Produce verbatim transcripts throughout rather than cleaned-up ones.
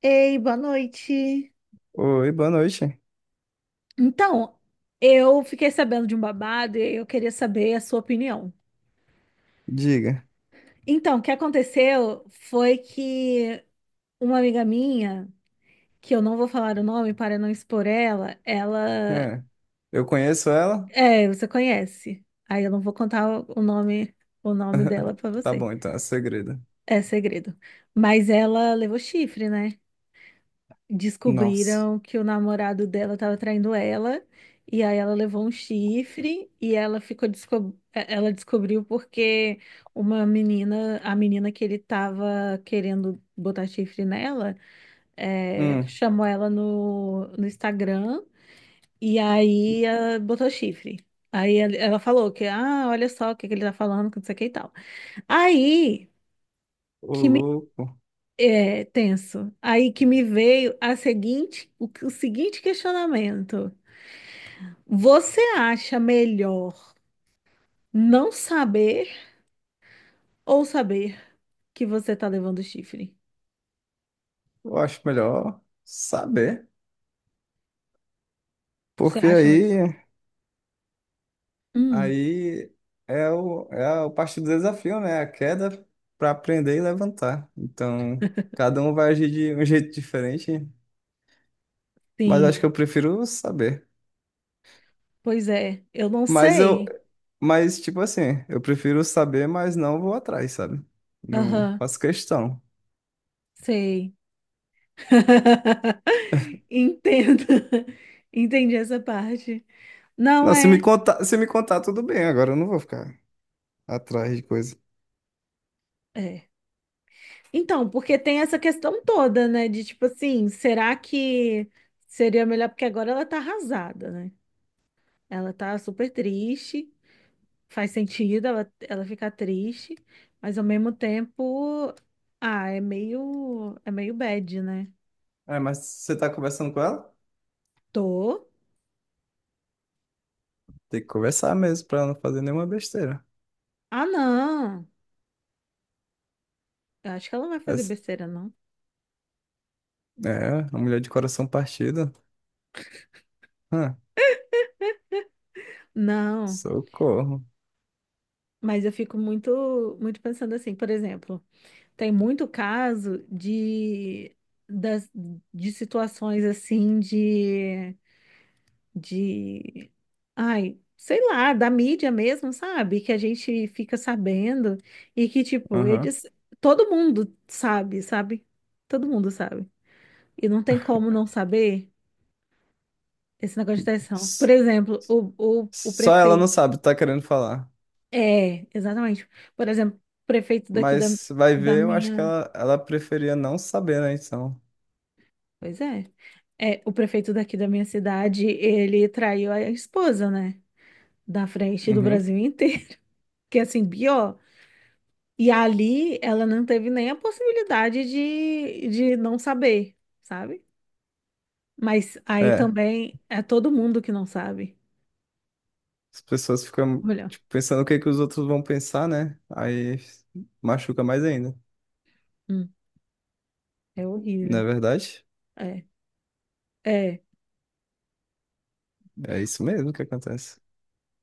Ei, boa noite. Oi, boa noite. Então, eu fiquei sabendo de um babado e eu queria saber a sua opinião. Diga. Então, o que aconteceu foi que uma amiga minha, que eu não vou falar o nome para não expor ela, ela, É. Eu conheço ela? é, você conhece. Aí eu não vou contar o o nome, o nome dela para Tá você. bom, então, é segredo. É segredo. Mas ela levou chifre, né? Nossa. Descobriram que o namorado dela estava traindo ela, e aí ela levou um chifre e ela ficou desco- é, ela descobriu porque uma menina, a menina que ele estava querendo botar chifre nela, é, Hum, chamou ela no, no Instagram e aí ah, botou chifre. Aí ela ela falou que, ah, olha só o que que ele tá falando, que não sei o que e tal. Aí, ô que louco. é tenso. Aí que me veio a seguinte, o, o seguinte questionamento. Você acha melhor não saber ou saber que você tá levando chifre? Eu acho melhor saber. Você Porque acha melhor? sa- aí, Hum, aí é o, é o parte do desafio, né? A queda para aprender e levantar. Então, cada um vai agir de um jeito diferente. Mas acho que sim. eu prefiro saber. Pois é, eu não Mas eu, sei. mas tipo assim, eu prefiro saber, mas não vou atrás, sabe? Não Aham, faço questão. sei. Entendo. Entendi essa parte. Não Não, se me é. contar, se me contar, tudo bem. Agora eu não vou ficar atrás de coisa. É. Então, porque tem essa questão toda, né? De tipo assim, será que seria melhor? Porque agora ela tá arrasada, né? Ela tá super triste, faz sentido ela, ela ficar triste, mas ao mesmo tempo, ah, é meio, é meio bad, né? É, mas você tá conversando com ela? Tô. Tem que conversar mesmo pra ela não fazer nenhuma besteira. Ah, não. Eu acho que ela não vai fazer Essa- besteira, não. É, a mulher de coração partido. Hã, Não. socorro. Mas eu fico muito, muito pensando assim, por exemplo. Tem muito caso de, das, de situações assim de, de, ai, sei lá, da mídia mesmo, sabe? Que a gente fica sabendo e que, tipo, Aham. eles, todo mundo sabe, sabe? Todo mundo sabe. E não tem como não saber esse negócio de traição. Por S- exemplo, o, o, o Só ela não prefeito. sabe, tá querendo falar. É, exatamente. Por exemplo, o prefeito daqui da, Mas vai da ver, eu acho que minha. ela, ela preferia não saber, né? Então. Pois é. É, o prefeito daqui da minha cidade, ele traiu a esposa, né? Da frente do Uhum. Brasil inteiro, que é assim, pior. E ali ela não teve nem a possibilidade de, de não saber, sabe? Mas aí É, também é todo mundo que não sabe. as pessoas ficam Olha, tipo, pensando o que que os outros vão pensar, né? Aí machuca mais ainda, hum, é não é horrível. verdade? É, é. É isso mesmo que acontece.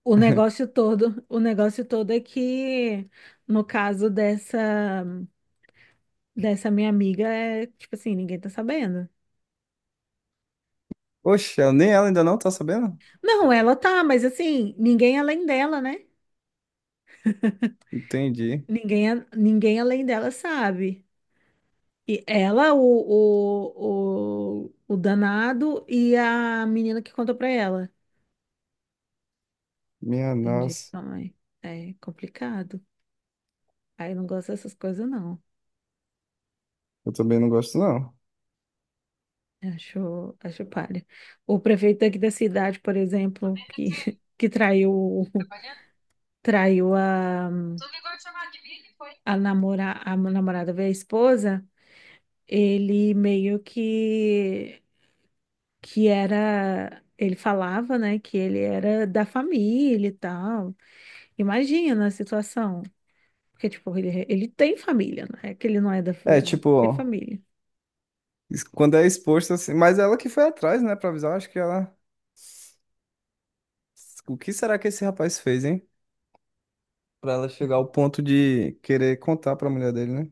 O negócio todo, o negócio todo é que, no caso dessa, dessa minha amiga, é tipo assim, ninguém tá sabendo. Oxe, ela- nem ela ainda não tá sabendo? Não, ela tá, mas assim, ninguém além dela, né? Entendi. Ninguém, a- ninguém além dela sabe. E ela, o, o, o, o danado e a menina que contou pra ela. Minha Entendi isso nossa. também. É complicado. Aí não gosto dessas coisas, não. Eu também não gosto, não. Acho, acho palha. O prefeito aqui da cidade, por exemplo, que, que traiu, traiu a, a, namora, a namorada, veio a esposa, ele meio que. Que era, ele falava, né, que ele era da família e tal. Imagina a situação. Porque, tipo, ele, ele tem família, não é que ele não é da É, família, tipo, tem família. es- quando é exposto assim. Mas ela que foi atrás, né, pra avisar. Acho que ela. O que será que esse rapaz fez, hein? Pra ela chegar ao ponto de querer contar pra mulher dele, né?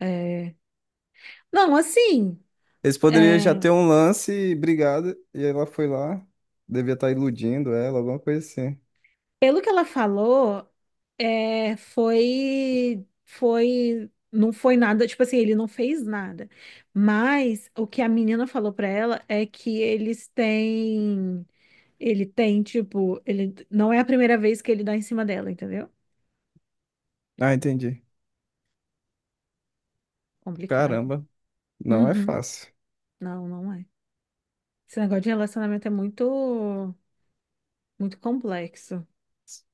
É... Não, assim, Eles poderiam já é, ter um lance, brigado, e ela foi lá. Devia estar iludindo ela, alguma coisa assim. pelo que ela falou, é, foi, foi, não foi nada, tipo assim, ele não fez nada. Mas o que a menina falou pra ela é que eles têm, ele tem, tipo, ele não é a primeira vez que ele dá em cima dela, entendeu? Ah, entendi. Complicado. Caramba, não é Uhum. fácil. Não, não é. Esse negócio de relacionamento é muito, muito complexo.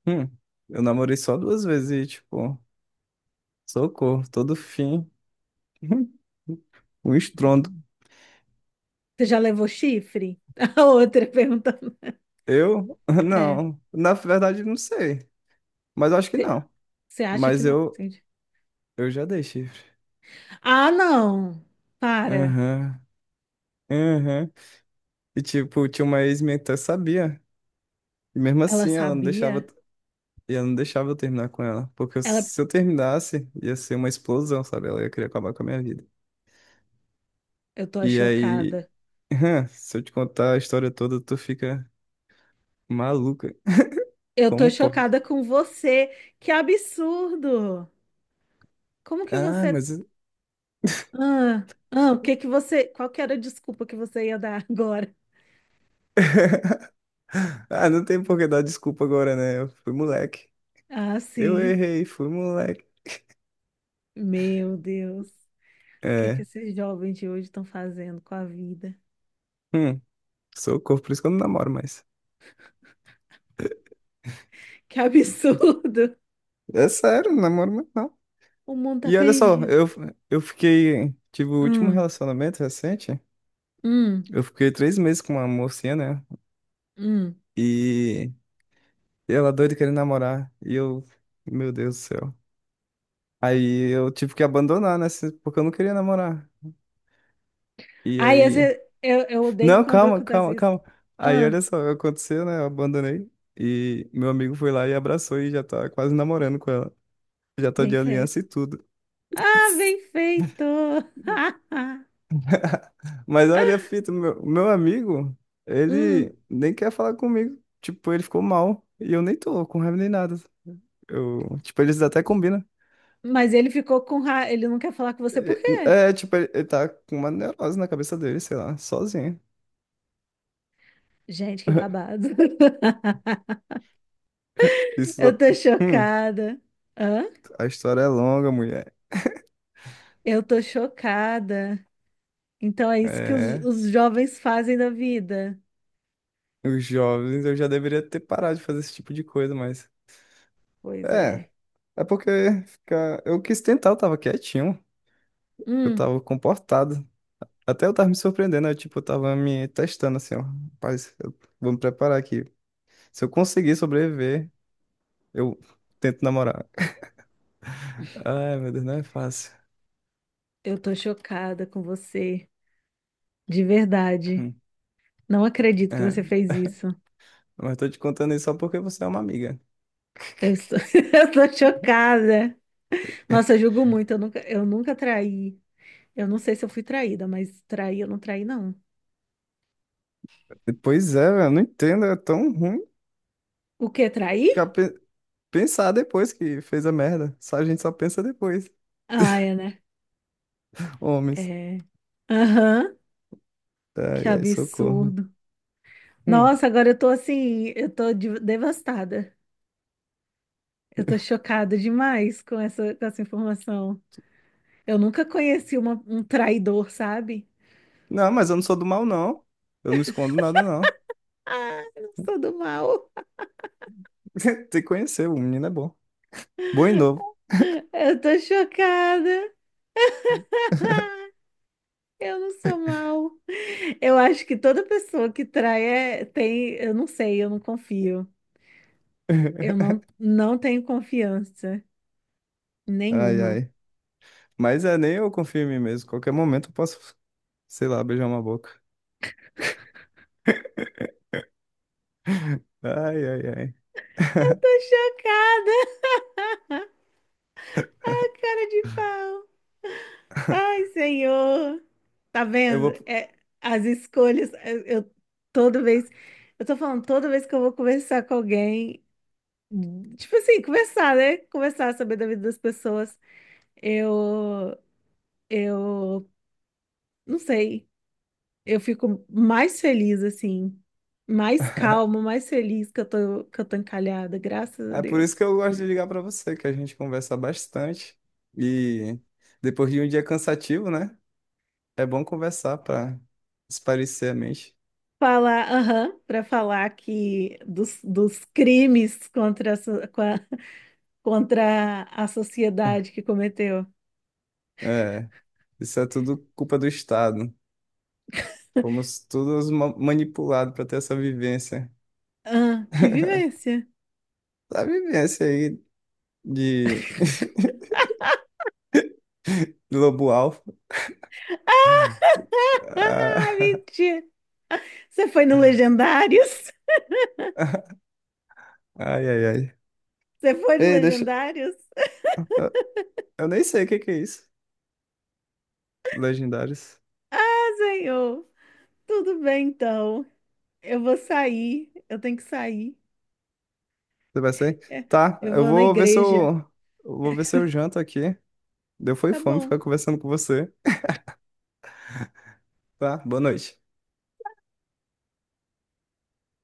Hum, eu namorei só duas vezes e, tipo. Socorro, todo fim. O estrondo. Você já levou chifre? A outra perguntando. Eu? É. Não. Na verdade, não sei. Mas eu acho que Você não. você acha que Mas não? eu, Entendi. eu já dei chifre. Ah, não! Para. Aham. Aham. E tipo, tinha uma ex minha que até sabia. E mesmo Ela assim, ela não deixava. sabia? E ela não deixava eu terminar com ela. Porque Ela. se eu terminasse, ia ser uma explosão, sabe? Ela ia querer acabar com a minha vida. Eu tô E aí, chocada. se eu te contar a história toda, tu fica maluca. Eu tô Como pode? chocada com você. Que absurdo! Como que Ah, você. mas. Ah, ah, o que que você. Qual que era a desculpa que você ia dar agora? Ah, não tem por que dar desculpa agora, né? Eu fui moleque. Ah, Eu sim. errei, fui moleque. Meu Deus. O que é que É. esses jovens de hoje estão fazendo com a vida? Hum, socorro, por isso que eu não namoro mais. Que absurdo! É sério, não namoro mais não. O mundo tá E olha só, perdido. eu, eu fiquei. Tive o último Hum, relacionamento recente. hum, Eu fiquei três meses com uma mocinha, né? hum. E ela doida querendo namorar. E eu. Meu Deus do céu. Aí eu tive que abandonar, né? se- Porque eu não queria namorar. E Aí, às aí. vezes, eu, eu odeio Não, quando calma, acontece calma, isso. calma. Aí olha Ah, só, aconteceu, né? Eu abandonei. E meu amigo foi lá e abraçou e já tá quase namorando com ela. Já tá bem de aliança feito. e tudo. Ah, bem feito! Mas olha a fita, meu, meu amigo, Hum, ele nem quer falar comigo. Tipo, ele ficou mal. E eu nem tô com raiva nem nada. Eu, tipo, eles até combinam. mas ele ficou com raiva. Ele não quer falar com você por quê? É, é, tipo, ele, ele tá com uma neurose na cabeça dele, sei lá, sozinho. Gente, que babado. Isso da... Eu tô Hum, chocada. Hã? a história é longa, mulher. Eu tô chocada. Então é isso que os, É. os jovens fazem da vida. Os jovens, eu já deveria ter parado de fazer esse tipo de coisa, mas. Pois É, é. é porque ficar... eu quis tentar, eu tava quietinho, eu Hum. tava comportado. Até eu tava me surpreendendo, eu, tipo, eu tava me testando assim, ó. Rapaz, eu vou me preparar aqui. Se eu conseguir sobreviver, eu tento namorar. Ai, meu Deus, não é fácil. Eu tô chocada com você, de verdade. Hum. Não acredito que você É, fez isso. mas tô te contando isso só porque você é uma amiga. Eu estou, eu tô chocada. É, Nossa, eu julgo muito. Eu nunca, eu nunca traí. Eu não sei se eu fui traída, mas traí, eu não traí, não. pois é, velho, eu não entendo, é tão ruim O quê? ficar Traí? pe- pensar depois que fez a merda. Só a gente só pensa depois, Ah, é, né? homens. É. Aham. Que Ai, ai, socorro. absurdo. Hum. Nossa, agora eu tô assim, eu tô de- devastada. Eu tô chocada demais com essa, com essa informação. Eu nunca conheci uma- um traidor, sabe? Não, mas eu não sou do mal, não. Eu não escondo nada, não. Ah, eu não sou do mal. Tem que conhecer, o menino é bom. Bom e novo. Eu tô chocada. Eu não sou mal. Eu acho que toda pessoa que trai é, tem, eu não sei, eu não confio. Eu não, não tenho confiança Ai, nenhuma. ai. Mas é, nem eu confio em mim mesmo. Qualquer momento eu posso, sei lá, beijar uma boca. Ai, ai, ai. Tô chocada, cara de pau. Ai, Senhor. Tá Eu vendo? vou... É, as escolhas, eu, eu- toda vez, eu tô falando, toda vez que eu vou conversar com alguém, tipo assim, conversar, né? Conversar, saber da vida das pessoas, eu, eu não sei. Eu fico mais feliz, assim, mais calma, mais feliz que eu tô, que eu tô encalhada, graças a É por isso Deus. que eu gosto de ligar pra você, que a gente conversa bastante. E depois de um dia cansativo, né? É bom conversar pra espairecer a mente. Falar, aham, para falar que dos, dos crimes contra a, so- com a- contra a sociedade que cometeu. É, isso é tudo culpa do Estado. Fomos todos ma- manipulados para ter essa vivência. Ah, que vivência! Essa vivência aí de lobo alfa. Ah, Ah, mentira! Você foi no Legendários? Ai, ai, ai. Você foi no Ei, deixa. Legendários? Eu, eu nem sei o que que é isso. Legendários. Ah, senhor! Tudo bem, então. Eu vou sair, eu tenho que sair. Você vai ser? É, Tá, eu eu vou na vou ver se igreja. eu. Eu vou ver se eu janto aqui. Deu foi Tá fome bom. ficar conversando com você. Tá, boa noite.